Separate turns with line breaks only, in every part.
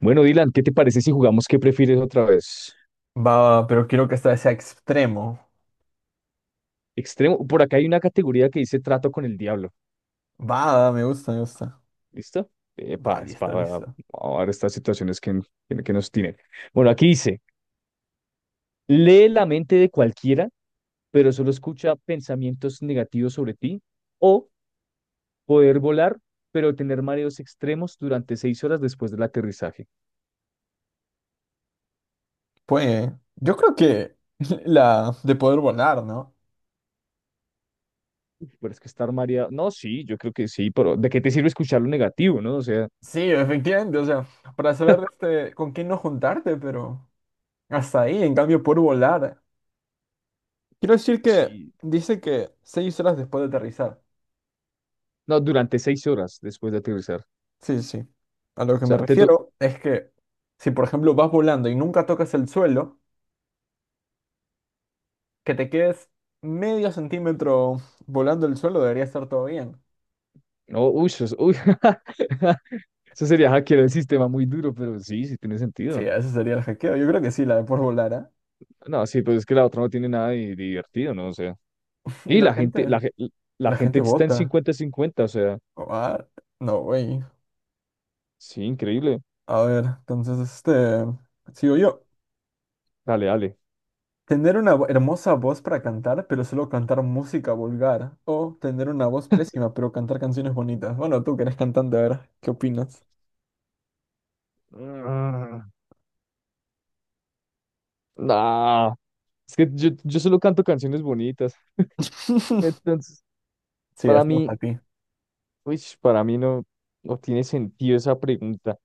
Bueno, Dylan, ¿qué te parece si jugamos qué prefieres otra vez?
Va, pero quiero que esta sea extremo.
Extremo, por acá hay una categoría que dice trato con el diablo.
Va, me gusta, me gusta.
¿Listo?
Va,
Epa, es
listo,
para
listo.
ahora estas situaciones que nos tienen. Bueno, aquí dice, lee la mente de cualquiera, pero solo escucha pensamientos negativos sobre ti, o poder volar, pero tener mareos extremos durante 6 horas después del aterrizaje.
Pues, yo creo que la de poder volar, ¿no?
Pero es que estar mareado, no, sí, yo creo que sí, pero ¿de qué te sirve escuchar lo negativo, no? O sea,
Sí, efectivamente, o sea, para saber este, con quién no juntarte, pero hasta ahí, en cambio, poder volar. Quiero decir que
sí,
dice que 6 horas después de aterrizar.
no, durante 6 horas después de aterrizar. O
Sí, sí. A lo que me
sea,
refiero es que si, por ejemplo, vas volando y nunca tocas el suelo, que te quedes medio centímetro volando el suelo, debería estar todo bien.
no, uy, uy, eso sería hackear el sistema muy duro, pero sí, sí tiene
Sí,
sentido.
ese sería el hackeo. Yo creo que sí, la de por volar, ¿ah?
No, sí, pues es que la otra no tiene nada de divertido, ¿no? O sea,
Y
y la gente, la
la
gente
gente
está en
vota.
cincuenta cincuenta, o sea,
Ah, no, güey.
sí, increíble.
A ver, entonces, este, sigo yo.
Dale, dale.
Tener una hermosa voz para cantar, pero solo cantar música vulgar. O tener una voz pésima, pero cantar canciones bonitas. Bueno, tú que eres cantante, a ver, ¿qué opinas?
Mm, Ah, No, es que yo solo canto canciones bonitas. Entonces,
Sí,
para
es
mí,
para ti.
no, no tiene sentido esa pregunta.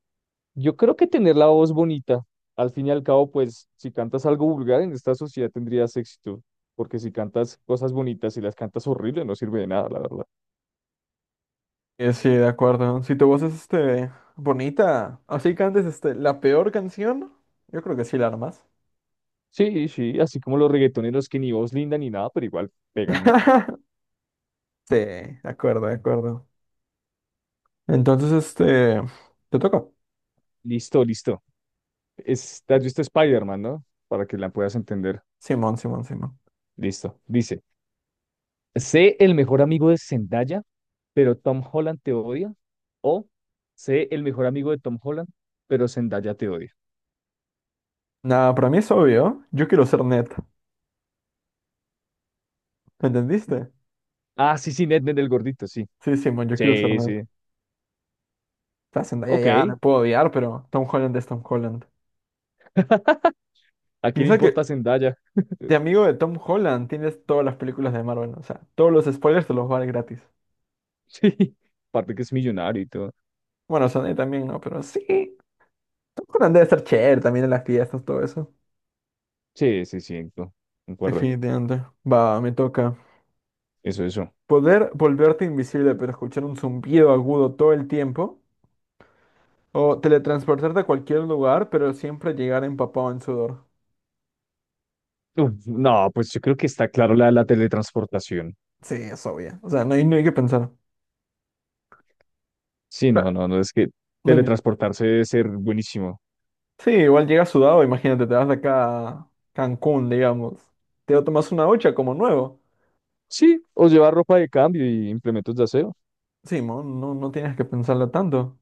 Yo creo que tener la voz bonita, al fin y al cabo, pues si cantas algo vulgar en esta sociedad tendrías éxito, porque si cantas cosas bonitas y las cantas horrible no sirve de nada, la verdad.
Sí, de acuerdo. Si tu voz es, este, bonita, así cantes, este, la peor canción, yo creo que sí la armas.
Sí, sí, así como los reggaetoneros que ni voz linda ni nada, pero igual pegan, ¿no?
Sí, de acuerdo, de acuerdo. Entonces, este, te toca.
Listo, listo. ¿Te has visto Spider-Man, no? Para que la puedas entender.
Simón, Simón, Simón.
Listo. Dice, sé el mejor amigo de Zendaya, pero Tom Holland te odia, o sé el mejor amigo de Tom Holland, pero Zendaya te odia.
Nada, para mí es obvio. Yo quiero ser Ned. ¿Entendiste?
Ah, sí, sí, Ned, Ned, el gordito, sí.
Sí, Simón, yo quiero ser
Sí,
Ned.
sí.
La Zendaya
Ok,
ya me puedo odiar, pero Tom Holland es Tom Holland.
¿a quién le
Piensa
importa
que
Zendaya?
de amigo de Tom Holland tienes todas las películas de Marvel. O sea, todos los spoilers te los va gratis.
Sí, aparte que es millonario y todo.
Bueno, Zendaya también, ¿no? Pero sí. Tom Holland debe ser chévere también en las fiestas, todo eso.
Sí, sí, sí, no, concuerdo.
Definitivamente. Va, me toca.
Eso, eso.
Poder volverte invisible, pero escuchar un zumbido agudo todo el tiempo. O teletransportarte a cualquier lugar, pero siempre llegar empapado en sudor.
Uf, no, pues yo creo que está claro la de la teletransportación.
Sí, es obvio. O sea, no hay que pensar. O
Sí,
sea,
no, no, no, es que
no hay- miedo.
teletransportarse debe ser buenísimo.
Sí, igual llegas sudado, imagínate, te vas de acá a Cancún, digamos. Te tomas una ducha como nuevo.
Sí, o llevar ropa de cambio y implementos de aseo.
Sí, mo, no, no tienes que pensarlo tanto.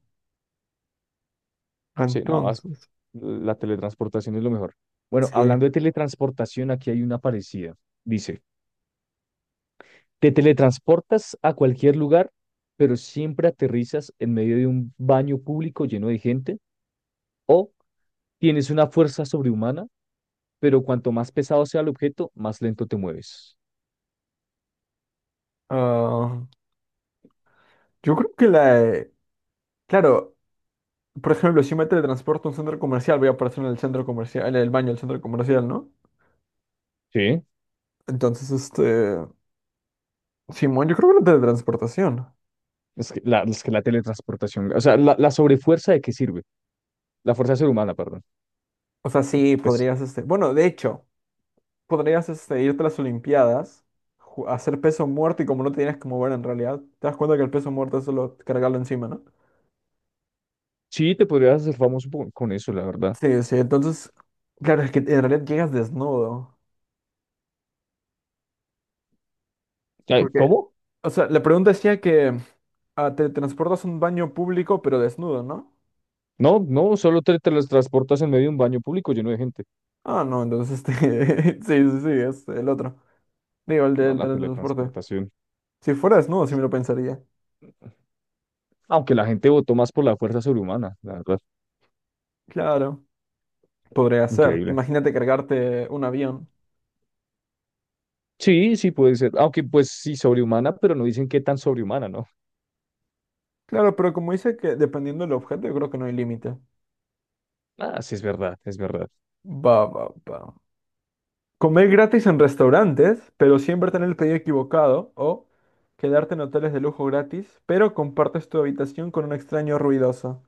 Sí, no,
Entonces,
la teletransportación es lo mejor. Bueno,
sí.
hablando de teletransportación, aquí hay una parecida. Dice, te teletransportas a cualquier lugar, pero siempre aterrizas en medio de un baño público lleno de gente. O tienes una fuerza sobrehumana, pero cuanto más pesado sea el objeto, más lento te mueves.
Ah, yo creo que claro, por ejemplo, si me teletransporto a un centro comercial, voy a aparecer en el centro comercial, en el baño del centro comercial, ¿no?
Sí,
Entonces, este... Simón, yo creo que la teletransportación.
es que la teletransportación, o sea, la sobrefuerza de qué sirve, la fuerza sobrehumana, perdón.
O sea, sí,
Pues
podrías, este, bueno, de hecho, podrías, este, irte a las Olimpiadas, hacer peso muerto y como no te tienes que mover en realidad, te das cuenta que el peso muerto es solo cargarlo encima, ¿no?
sí, te podrías hacer famoso con eso, la verdad.
Sí, sí, entonces, claro, es que en realidad llegas desnudo, porque,
¿Cómo?
o sea, la pregunta decía que ah, te transportas a un baño público pero desnudo, ¿no?
No, no, solo te teletransportas en medio de un baño público lleno de gente.
Ah, no, entonces, este, sí, sí, sí, es el otro, digo, el
No,
del
la
teletransporte.
teletransportación.
Si fuera desnudo, sí me lo pensaría.
Aunque la gente votó más por la fuerza sobrehumana, la verdad.
Claro, podría ser.
Increíble.
Imagínate cargarte un avión.
Sí, sí puede ser. Aunque pues sí, sobrehumana, pero no dicen qué tan sobrehumana, ¿no?
Claro, pero como dice que dependiendo del objeto, yo creo que no hay límite.
Ah, sí, es verdad, es verdad.
Va, va, va. Comer gratis en restaurantes, pero siempre tener el pedido equivocado. O quedarte en hoteles de lujo gratis, pero compartes tu habitación con un extraño ruidoso.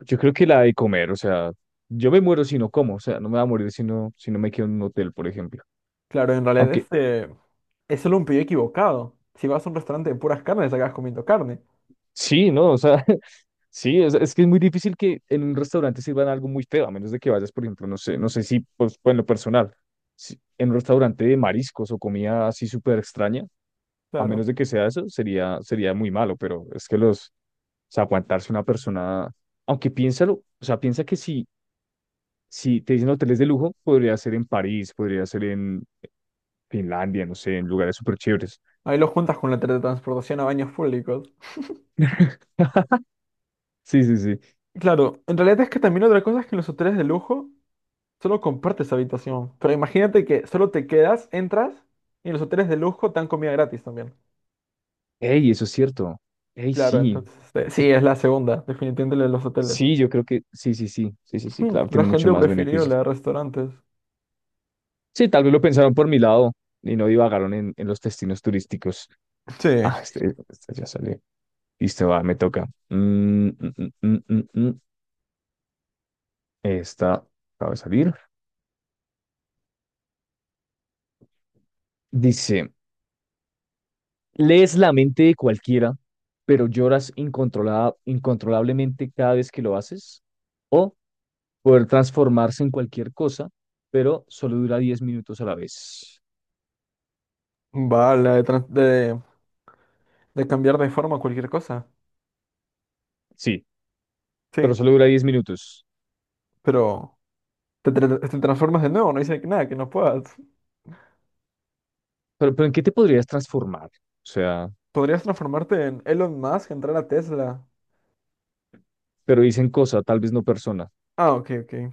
Yo creo que la de comer, o sea, yo me muero si no como, o sea, no me va a morir si no me quedo en un hotel, por ejemplo.
Claro, en realidad
Aunque
este es solo un pedido equivocado. Si vas a un restaurante de puras carnes, acabas comiendo carne.
sí, ¿no? O sea, sí, es que es muy difícil que en un restaurante sirvan algo muy feo, a menos de que vayas, por ejemplo, no sé, no sé si, pues, en lo personal, en un restaurante de mariscos o comida así súper extraña, a menos
Claro.
de que sea eso, sería, sería muy malo, pero es que los... O sea, aguantarse una persona, aunque piénsalo, o sea, piensa que si, si te dicen hoteles de lujo, podría ser en París, podría ser en Finlandia, no sé, en lugares súper chéveres.
Ahí lo juntas con la teletransportación a baños públicos.
Sí, sí, sí.
Claro, en realidad es que también otra cosa es que en los hoteles de lujo solo compartes habitación. Pero imagínate que solo te quedas, entras y los hoteles de lujo te dan comida gratis también.
Ey, eso es cierto. Ey,
Claro,
sí.
entonces este, sí, es la segunda, definitivamente la de los hoteles.
Sí, yo creo que sí, sí, sí, sí, sí, sí,
Hmm,
claro,
la
tiene mucho
gente
más
prefirió la
beneficios.
de restaurantes.
Sí, tal vez lo pensaron por mi lado y no divagaron en los destinos turísticos.
Sí,
Ah, este ya salió. Listo, va, me toca. Mm, mm. Esta acaba de salir. Dice. Lees la mente de cualquiera, pero lloras incontrolablemente cada vez que lo haces. O poder transformarse en cualquier cosa, pero solo dura 10 minutos a la vez.
va, la de, trans- de cambiar de forma cualquier cosa.
Sí, pero
Sí,
solo dura 10 minutos.
pero te transformas de nuevo, no dice que nada, que no puedas.
Pero ¿en qué te podrías transformar? O sea,
Podrías transformarte en Elon Musk, entrar a Tesla.
pero dicen cosa, tal vez no persona.
Ah, ok, ok.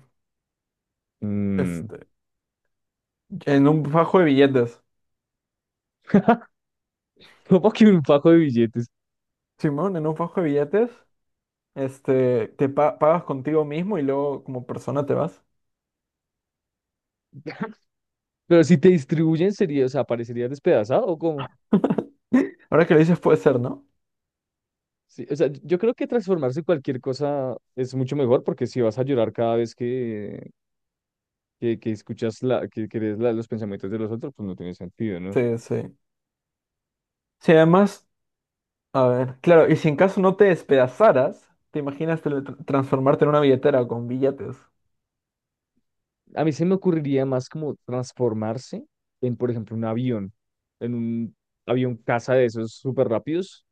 Mm,
Este, en un fajo de billetes.
¿cómo que un fajo de billetes?
Simón, en un fajo de billetes. Este, pagas contigo mismo y luego como persona te vas.
Pero si te distribuyen, sería, o sea, ¿parecería despedazado o cómo?
Ahora que lo dices puede ser, ¿no?
Sí, o sea, yo creo que transformarse en cualquier cosa es mucho mejor porque si vas a llorar cada vez que escuchas que lees los pensamientos de los otros, pues no tiene sentido, ¿no?
Sí, sí. Sí, además, a ver, claro, y si en caso no te despedazaras, ¿te imaginas transformarte en una billetera con billetes?
A mí se me ocurriría más como transformarse en, por ejemplo, un avión, en un avión caza de esos súper rápidos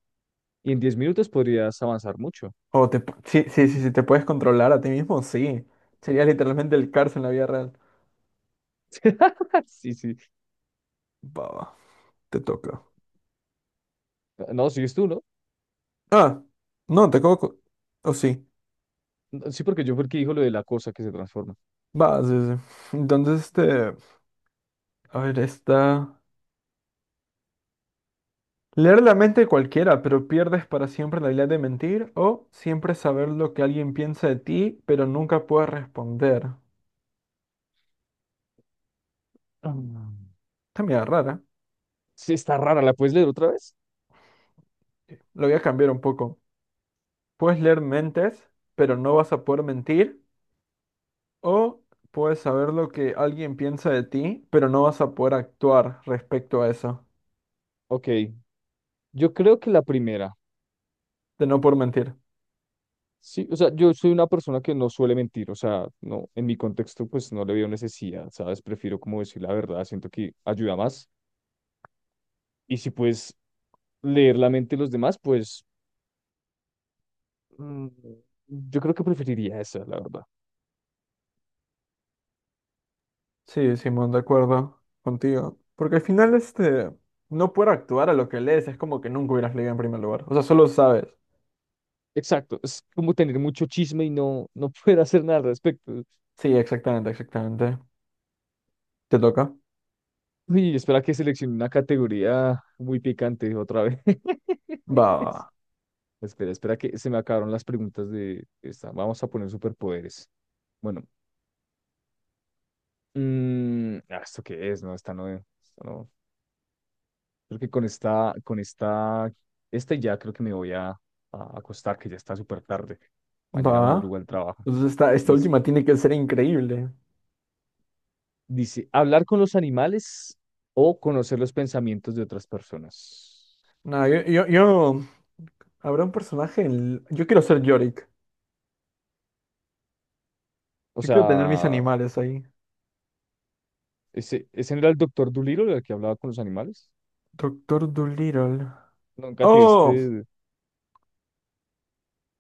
y en 10 minutos podrías avanzar mucho.
O sí, sí, sí, sí, te puedes controlar a ti mismo, sí. Sería literalmente el cárcel en la vida real.
Sí, sí.
Va, va, te toca.
No, sigues tú, ¿no?
Ah, no, te coco. O sí.
No, sí, porque yo fue el que dijo lo de la cosa que se transforma.
Va, sí, sí. Entonces, este, a ver, esta. Leer la mente de cualquiera, pero pierdes para siempre la habilidad de mentir, o siempre saber lo que alguien piensa de ti, pero nunca puedes responder.
Ah.
Está medio rara.
Sí, está rara, ¿la puedes leer otra vez?
Lo voy a cambiar un poco. Puedes leer mentes, pero no vas a poder mentir, o puedes saber lo que alguien piensa de ti, pero no vas a poder actuar respecto a eso,
Ok, yo creo que la primera.
de no por mentir.
Sí, o sea, yo soy una persona que no suele mentir, o sea, no, en mi contexto pues no le veo necesidad, ¿sabes? Prefiero como decir la verdad, siento que ayuda más. Y si puedes leer la mente de los demás, pues mm, yo creo que preferiría esa, la verdad.
Sí, Simón, de acuerdo contigo. Porque al final, este, no poder actuar a lo que lees es como que nunca hubieras leído en primer lugar. O sea, solo sabes.
Exacto, es como tener mucho chisme y no poder hacer nada al respecto.
Sí, exactamente, exactamente. Te toca.
Uy, espera que seleccione una categoría muy picante otra vez.
Va,
Espera, espera que se me acabaron las preguntas de esta. Vamos a poner superpoderes. Bueno, ¿esto qué es? No, esta no es. Esta no. Creo que con esta, ya creo que me voy a acostar, que ya está súper tarde. Mañana
va.
madruga el trabajo.
Entonces esta
Listo.
última tiene que ser increíble.
Dice, hablar con los animales o conocer los pensamientos de otras personas.
No, habrá yo quiero ser Yorick.
O
Yo quiero tener mis
sea,
animales ahí.
¿ese no era el doctor Dolittle el que hablaba con los animales?
Doctor Dolittle.
Nunca te
¡Oh!
viste.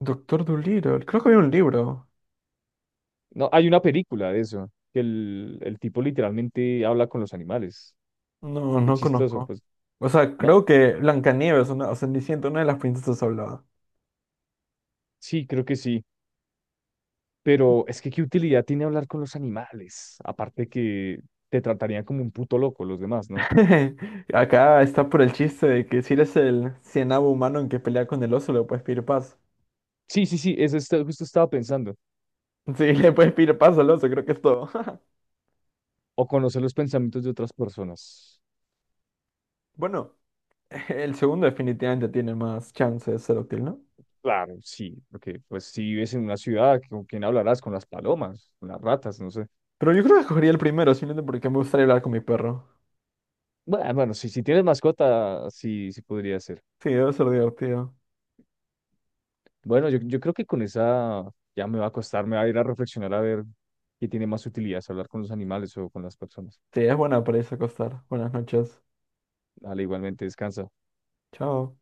Doctor Dolittle. Creo que había un libro.
No, hay una película de eso, que el tipo literalmente habla con los animales.
No,
Es
no
chistoso,
conozco.
pues,
O sea,
¿no?
creo que Blancanieves, una, o Cenicienta, una de las princesas hablaba.
Sí, creo que sí. Pero es que qué utilidad tiene hablar con los animales, aparte que te tratarían como un puto loco los demás, ¿no?
Acá está por el chiste de que si eres el cienavo humano en que pelea con el oso, le puedes pedir paz.
Sí, sí, sí, eso justo estaba pensando.
Sí, le puedes pedir paso al oso, creo que es todo.
O conocer los pensamientos de otras personas.
Bueno, el segundo definitivamente tiene más chance de ser útil, ¿no?
Claro, sí, porque pues si vives en una ciudad, ¿con quién hablarás? Con las palomas, con las ratas, no sé.
Pero yo creo que escogería el primero, simplemente porque me gustaría hablar con mi perro.
Bueno, bueno, si tienes mascota, sí, sí podría ser.
Sí, debe ser divertido.
Bueno, yo creo que con esa ya me va a costar, me va a ir a reflexionar a ver qué tiene más utilidad, si hablar con los animales o con las personas.
Sí, es buena para irse a acostar. Buenas noches.
Dale, igualmente, descansa.
Chao.